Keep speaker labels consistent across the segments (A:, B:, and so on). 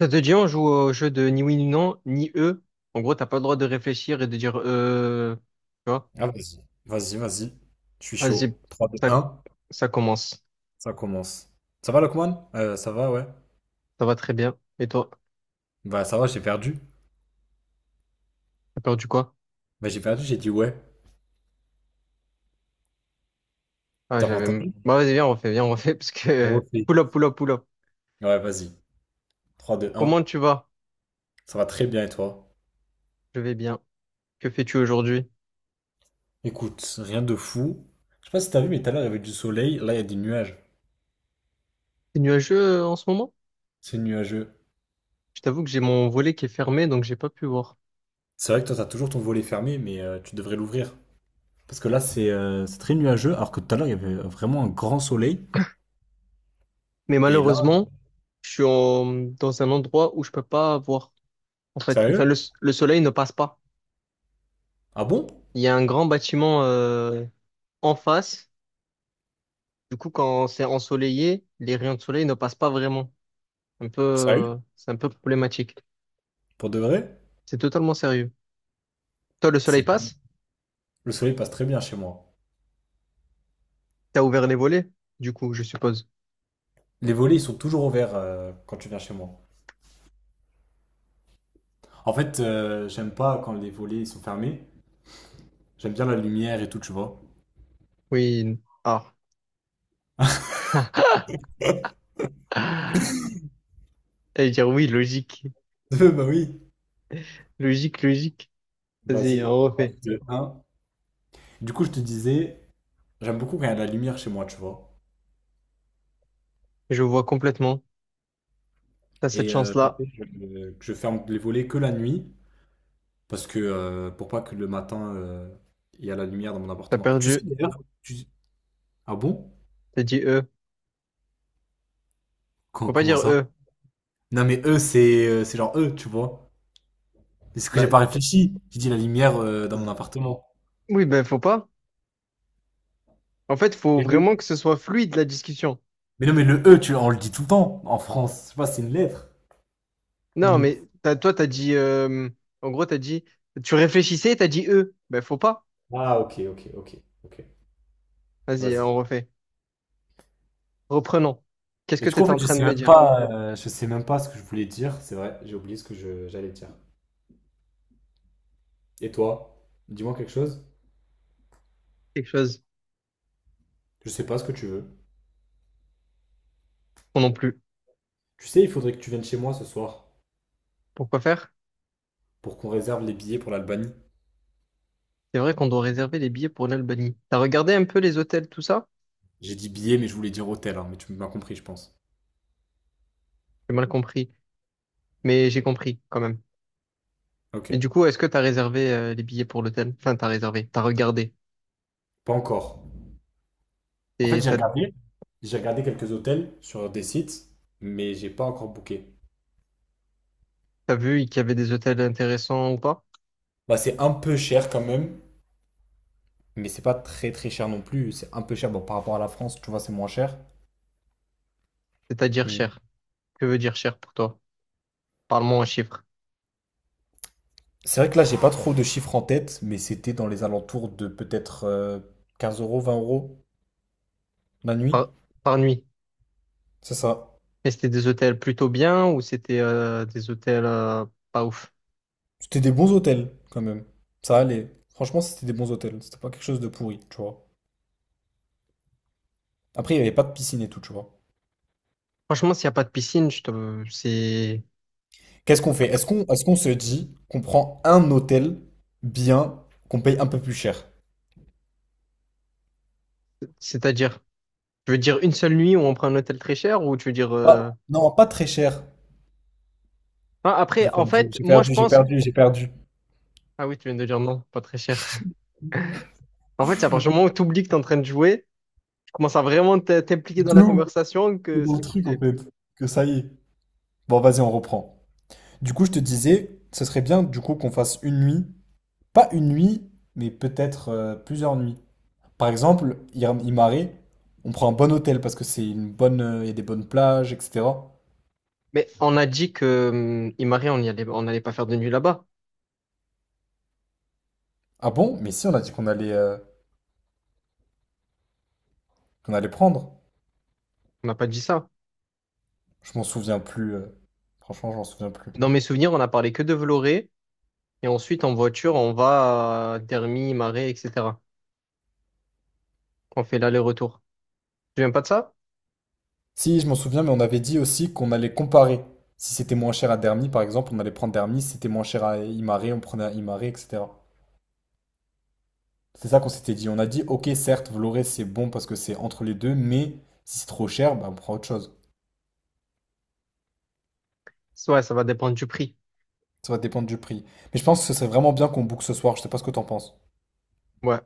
A: Ça te dit, on joue au jeu de ni oui ni non, ni eux. En gros, t'as pas le droit de réfléchir et de dire. Tu vois?
B: Ah, vas-y, vas-y, vas-y. Je suis
A: Vas-y,
B: chaud. Trois, deux,
A: ça,
B: un,
A: ça commence.
B: ça commence. Ça va, Lokman? Ça va, ouais.
A: Ça va très bien. Et toi?
B: Bah, ça va, j'ai perdu.
A: T'as perdu quoi?
B: Bah, j'ai perdu, j'ai dit ouais.
A: Ah,
B: T'as pas
A: j'avais.
B: entendu?
A: Bah, vas-y, viens, on refait, parce
B: On
A: que.
B: refait.
A: Pull up, pull up, pull up.
B: Ouais, vas-y. Trois, deux,
A: Comment
B: un.
A: tu vas?
B: Ça va très bien et toi?
A: Je vais bien. Que fais-tu aujourd'hui?
B: Écoute, rien de fou. Je sais pas si t'as vu, mais tout à l'heure, il y avait du soleil. Là, il y a des nuages.
A: C'est nuageux en ce moment?
B: C'est nuageux.
A: Je t'avoue que j'ai mon volet qui est fermé, donc j'ai pas pu voir.
B: C'est vrai que toi, t'as toujours ton volet fermé, mais tu devrais l'ouvrir. Parce que là, c'est très nuageux, alors que tout à l'heure, il y avait vraiment un grand soleil.
A: Mais
B: Et là,
A: malheureusement, je suis en- dans un endroit où je peux pas voir. En fait,
B: sérieux?
A: enfin, le soleil ne passe pas.
B: Ah bon?
A: Il y a un grand bâtiment en face. Du coup, quand c'est ensoleillé, les rayons de soleil ne passent pas vraiment. Un peu,
B: Sérieux?
A: c'est un peu problématique.
B: Pour de vrai?
A: C'est totalement sérieux. Toi, le soleil
B: C'est
A: passe?
B: Le soleil passe très bien chez moi.
A: T'as ouvert les volets? Du coup, je suppose.
B: Les volets, ils sont toujours ouverts quand tu viens chez moi. En fait, j'aime pas quand les volets ils sont fermés. J'aime bien la lumière et tout, tu vois.
A: Oui. Ah. J'allais dire oui, logique.
B: Bah oui.
A: Logique, logique. Vas-y,
B: Vas-y,
A: on
B: un,
A: refait.
B: deux, un. Du coup, je te disais, j'aime beaucoup quand il y a de la lumière chez moi, tu vois.
A: Je vois complètement. T'as cette
B: Et ça
A: chance-là.
B: fait que je ferme les volets que la nuit, parce que pour pas que le matin, il y a la lumière dans mon
A: T'as
B: appartement. Et tu sais
A: perdu.
B: d'ailleurs, ah bon?
A: T'as dit E. Faut pas
B: Comment
A: dire
B: ça?
A: E.
B: Non mais eux, c'est genre eux, tu vois. C'est ce que j'ai
A: Bah,
B: pas réfléchi. J'ai dit la lumière dans mon appartement.
A: oui, ben faut pas. En fait, faut
B: Et le-
A: vraiment que ce soit fluide la discussion.
B: Mais non, mais le E, tu, on le dit tout le temps en France. Je sais pas, c'est une lettre.
A: Non,
B: Limite.
A: mais toi, t'as dit. En gros, t'as dit. Tu réfléchissais, t'as dit eux. Ben, faut pas.
B: Ah, ok, ok, ok, ok.
A: Vas-y,
B: Vas-y.
A: on refait. Reprenons. Qu'est-ce
B: Mais
A: que
B: du coup, en
A: t'étais en
B: fait, je
A: train de
B: sais
A: me
B: même
A: dire?
B: pas, je sais même pas ce que je voulais dire. C'est vrai, j'ai oublié ce que j'allais dire. Et toi, dis-moi quelque chose.
A: Quelque chose.
B: Je sais pas ce que tu veux.
A: Non non plus.
B: Tu sais, il faudrait que tu viennes chez moi ce soir
A: Pourquoi faire?
B: pour qu'on réserve les billets pour l'Albanie.
A: C'est vrai qu'on doit réserver les billets pour l'Albanie. T'as regardé un peu les hôtels, tout ça?
B: J'ai dit billets, mais je voulais dire hôtel, hein, mais tu m'as compris, je pense.
A: J'ai mal compris. Mais j'ai compris, quand même. Mais
B: Ok.
A: du coup, est-ce que t'as réservé les billets pour l'hôtel? Enfin, t'as réservé. T'as regardé.
B: Pas encore. En fait,
A: Et t'as
B: j'ai regardé quelques hôtels sur des sites, mais j'ai pas encore booké.
A: t'as vu qu'il y avait des hôtels intéressants ou pas?
B: Bah, c'est un peu cher quand même, mais c'est pas très très cher non plus. C'est un peu cher bon, par rapport à la France, tu vois, c'est moins cher.
A: C'est-à-dire
B: Mm.
A: cher. Que veut dire cher pour toi? Parle-moi en chiffres.
B: C'est vrai que là, j'ai pas trop de chiffres en tête, mais c'était dans les alentours de peut-être 15 euros, 20 € la nuit.
A: Par, par nuit.
B: C'est ça.
A: Et c'était des hôtels plutôt bien ou c'était des hôtels pas ouf?
B: C'était des bons hôtels quand même. Ça allait. Franchement, c'était des bons hôtels. C'était pas quelque chose de pourri, tu vois. Après, il y avait pas de piscine et tout, tu vois.
A: Franchement, s'il n'y a pas de piscine, je te c'est
B: Qu'est-ce qu'on fait? Est-ce qu'on se dit qu'on prend un hôtel bien, qu'on paye un peu plus cher?
A: C'est-à-dire, tu veux dire une seule nuit où on prend un hôtel très cher ou tu veux dire
B: Non, pas très cher.
A: ah, après,
B: J'ai
A: en
B: perdu,
A: fait,
B: j'ai
A: moi je
B: perdu, j'ai
A: pense
B: perdu, j'ai perdu.
A: Ah oui, tu viens de dire non, pas très cher. En fait, c'est à partir du moment où tu oublies que tu es en train de jouer, tu commences à vraiment t'impliquer dans
B: De
A: la conversation que
B: Dans le truc en
A: c'est fini.
B: fait. Que ça y est. Bon, vas-y, on reprend. Du coup, je te disais, ce serait bien du coup qu'on fasse une nuit. Pas une nuit, mais peut-être plusieurs nuits. Par exemple, Imare, on prend un bon hôtel parce que c'est une bonne, il y a des bonnes plages, etc.
A: Mais on a dit que Imari, on y allait on n'allait pas faire de nuit là-bas.
B: Ah bon? Mais si, on a dit qu'on allait prendre.
A: On n'a pas dit ça.
B: Je m'en souviens plus. Franchement, je m'en souviens plus.
A: Dans mes souvenirs, on a parlé que de Vloré. Et ensuite, en voiture, on va à Dermy, Marais, etc. On fait l'aller-retour. Tu viens pas de ça?
B: Si, je m'en souviens, mais on avait dit aussi qu'on allait comparer. Si c'était moins cher à Dermy, par exemple, on allait prendre Dermy. Si c'était moins cher à Imaré, on prenait à Imaré, etc. C'est ça qu'on s'était dit. On a dit, ok, certes, Vloré, c'est bon parce que c'est entre les deux, mais si c'est trop cher, bah, on prend autre chose.
A: Ouais, ça va dépendre du prix.
B: Ça va dépendre du prix. Mais je pense que ce serait vraiment bien qu'on boucle ce soir. Je sais pas ce que t'en penses.
A: Ouais,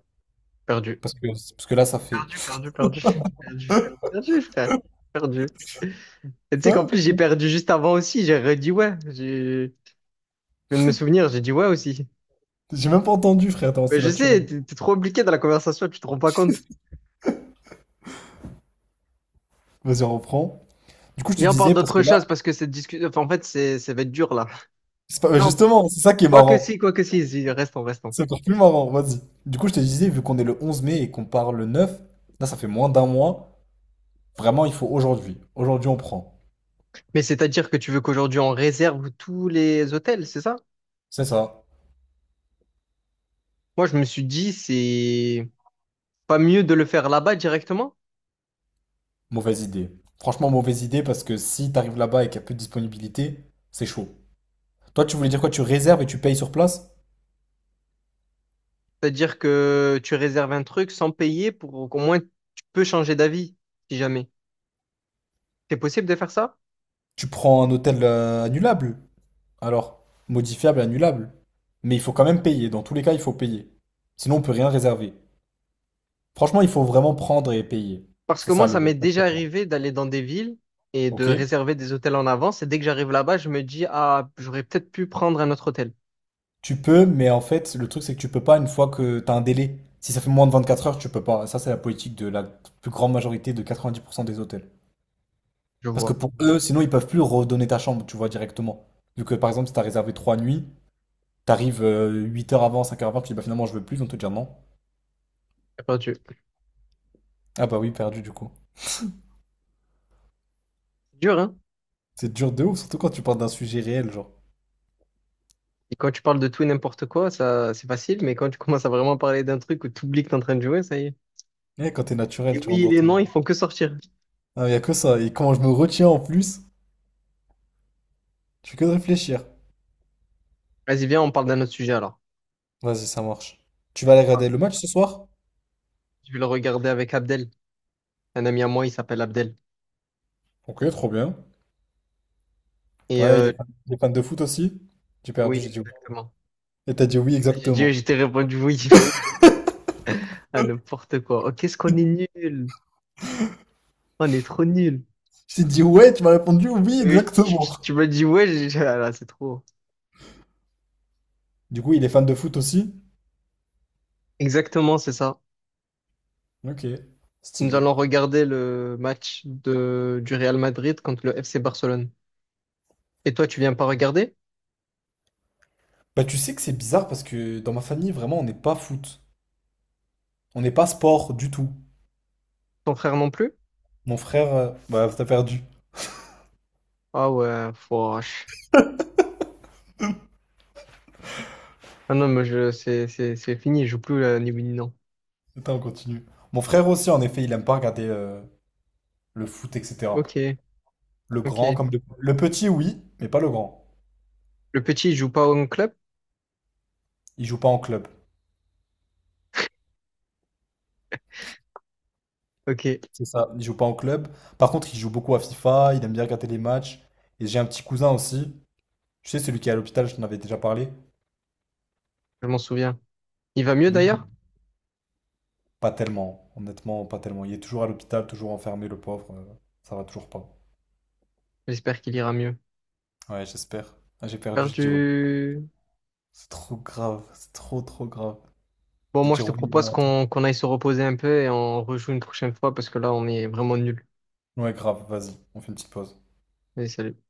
A: perdu.
B: Parce que là, ça fait.
A: Perdu, perdu, perdu. Perdu. Perdu, frère. Perdu. Et tu sais qu'en
B: Hein.
A: plus, j'ai perdu juste avant aussi. J'ai redit ouais. J'ai- Je viens de me souvenir, j'ai dit ouais aussi.
B: J'ai même pas entendu, frère. Attends,
A: Mais
B: c'est
A: je sais,
B: naturel.
A: t'es trop impliqué dans la conversation, tu te rends pas compte.
B: Vas-y, on reprend. Du coup, je te
A: Viens, on parle
B: disais, parce
A: d'autre
B: que là.
A: chose parce que cette discussion, enfin, en fait, ça va être dur là.
B: C'est pas-
A: Non,
B: Justement, c'est ça qui est marrant.
A: quoi que si, si, restons, restons.
B: C'est encore plus marrant, vas-y. Du coup, je te disais, vu qu'on est le 11 mai et qu'on part le 9, là, ça fait moins d'un mois. Vraiment, il faut aujourd'hui. Aujourd'hui, on prend.
A: Mais c'est-à-dire que tu veux qu'aujourd'hui on réserve tous les hôtels, c'est ça?
B: C'est ça.
A: Moi, je me suis dit, c'est pas mieux de le faire là-bas directement?
B: Mauvaise idée. Franchement, mauvaise idée parce que si t'arrives là-bas et qu'il y a peu de disponibilité, c'est chaud. Toi, tu voulais dire quoi? Tu réserves et tu payes sur place?
A: C'est-à-dire que tu réserves un truc sans payer pour qu'au moins tu peux changer d'avis, si jamais. C'est possible de faire ça?
B: Tu prends un hôtel annulable. Alors, modifiable, annulable. Mais il faut quand même payer. Dans tous les cas, il faut payer. Sinon, on peut rien réserver. Franchement, il faut vraiment prendre et payer.
A: Parce
B: C'est
A: que
B: ça
A: moi, ça
B: le…
A: m'est déjà arrivé d'aller dans des villes et de
B: Ok?
A: réserver des hôtels en avance. Et dès que j'arrive là-bas, je me dis, ah, j'aurais peut-être pu prendre un autre hôtel.
B: Tu peux, mais en fait, le truc, c'est que tu peux pas une fois que t'as un délai. Si ça fait moins de 24 heures, tu peux pas. Ça, c'est la politique de la plus grande majorité de 90% des hôtels.
A: Je
B: Parce que
A: vois.
B: pour eux, sinon, ils peuvent plus redonner ta chambre, tu vois, directement. Vu que, par exemple, si t'as réservé 3 nuits, t'arrives 8 heures avant, 5 heures avant, tu dis, bah finalement, je veux plus, ils vont te dire non.
A: J'ai perdu.
B: Ah bah oui, perdu, du coup.
A: C'est dur, hein?
B: C'est dur de ouf, surtout quand tu parles d'un sujet réel, genre.
A: Et quand tu parles de tout et n'importe quoi, ça, c'est facile. Mais quand tu commences à vraiment parler d'un truc où tu oublies que t'es en train de jouer, ça y est.
B: Eh, quand t'es
A: Et
B: naturel, tu
A: oui,
B: rentres
A: et
B: dans
A: les
B: ton…
A: noms, ils font que sortir.
B: Ah, y a que ça. Et quand je me retiens en plus, tu fais que de réfléchir.
A: Vas-y, viens, on parle d'un autre sujet alors.
B: Vas-y, ça marche. Tu vas aller regarder le match ce soir?
A: Je vais le regarder avec Abdel. Un ami à moi, il s'appelle Abdel.
B: Ok, trop bien.
A: Et
B: Ouais, il est fan de foot aussi? J'ai
A: oui,
B: perdu, j'ai dit oui.
A: exactement.
B: Et t'as dit oui,
A: J'ai dit,
B: exactement.
A: j'ai répondu oui à n'importe quoi. Oh, qu'est-ce qu'on est nul. On est trop nul.
B: J'ai dit ouais, tu m'as répondu oui, exactement.
A: Tu m'as dit ouais, j'ai- ah là, c'est trop.
B: Du coup, il est fan de foot aussi?
A: Exactement, c'est ça.
B: Ok,
A: Nous
B: stylé.
A: allons regarder le match du Real Madrid contre le FC Barcelone. Et toi, tu viens pas regarder?
B: Bah, tu sais que c'est bizarre parce que dans ma famille, vraiment, on n'est pas foot. On n'est pas sport du tout.
A: Ton frère non plus?
B: Mon frère. Bah, t'as perdu.
A: Ah ouais, fouache. Ah non, mais c'est fini, je joue plus ni oui ni non.
B: Attends, on continue. Mon frère aussi, en effet, il aime pas regarder le foot, etc.
A: Ok,
B: Le grand
A: ok.
B: comme le… le petit, oui, mais pas le grand.
A: Le petit, il joue pas au club?
B: Il joue pas en club.
A: Ok,
B: C'est ça, il joue pas en club. Par contre, il joue beaucoup à FIFA, il aime bien regarder les matchs. Et j'ai un petit cousin aussi, tu sais, celui qui est à l'hôpital, je t'en avais déjà parlé.
A: je m'en souviens. Il va mieux
B: Lui,
A: d'ailleurs?
B: pas tellement, honnêtement, pas tellement. Il est toujours à l'hôpital, toujours enfermé, le pauvre. Ça va toujours pas.
A: J'espère qu'il ira mieux.
B: Ouais, j'espère. Ah, j'ai perdu, je dis ouais.
A: Perdu.
B: C'est trop grave, c'est trop trop grave
A: Bon,
B: de
A: moi, je
B: dire
A: te
B: oui et
A: propose
B: moi.
A: qu'on aille se reposer un peu et on rejoue une prochaine fois parce que là, on est vraiment nuls.
B: Ouais, grave, vas-y, on fait une petite pause.
A: Allez, salut.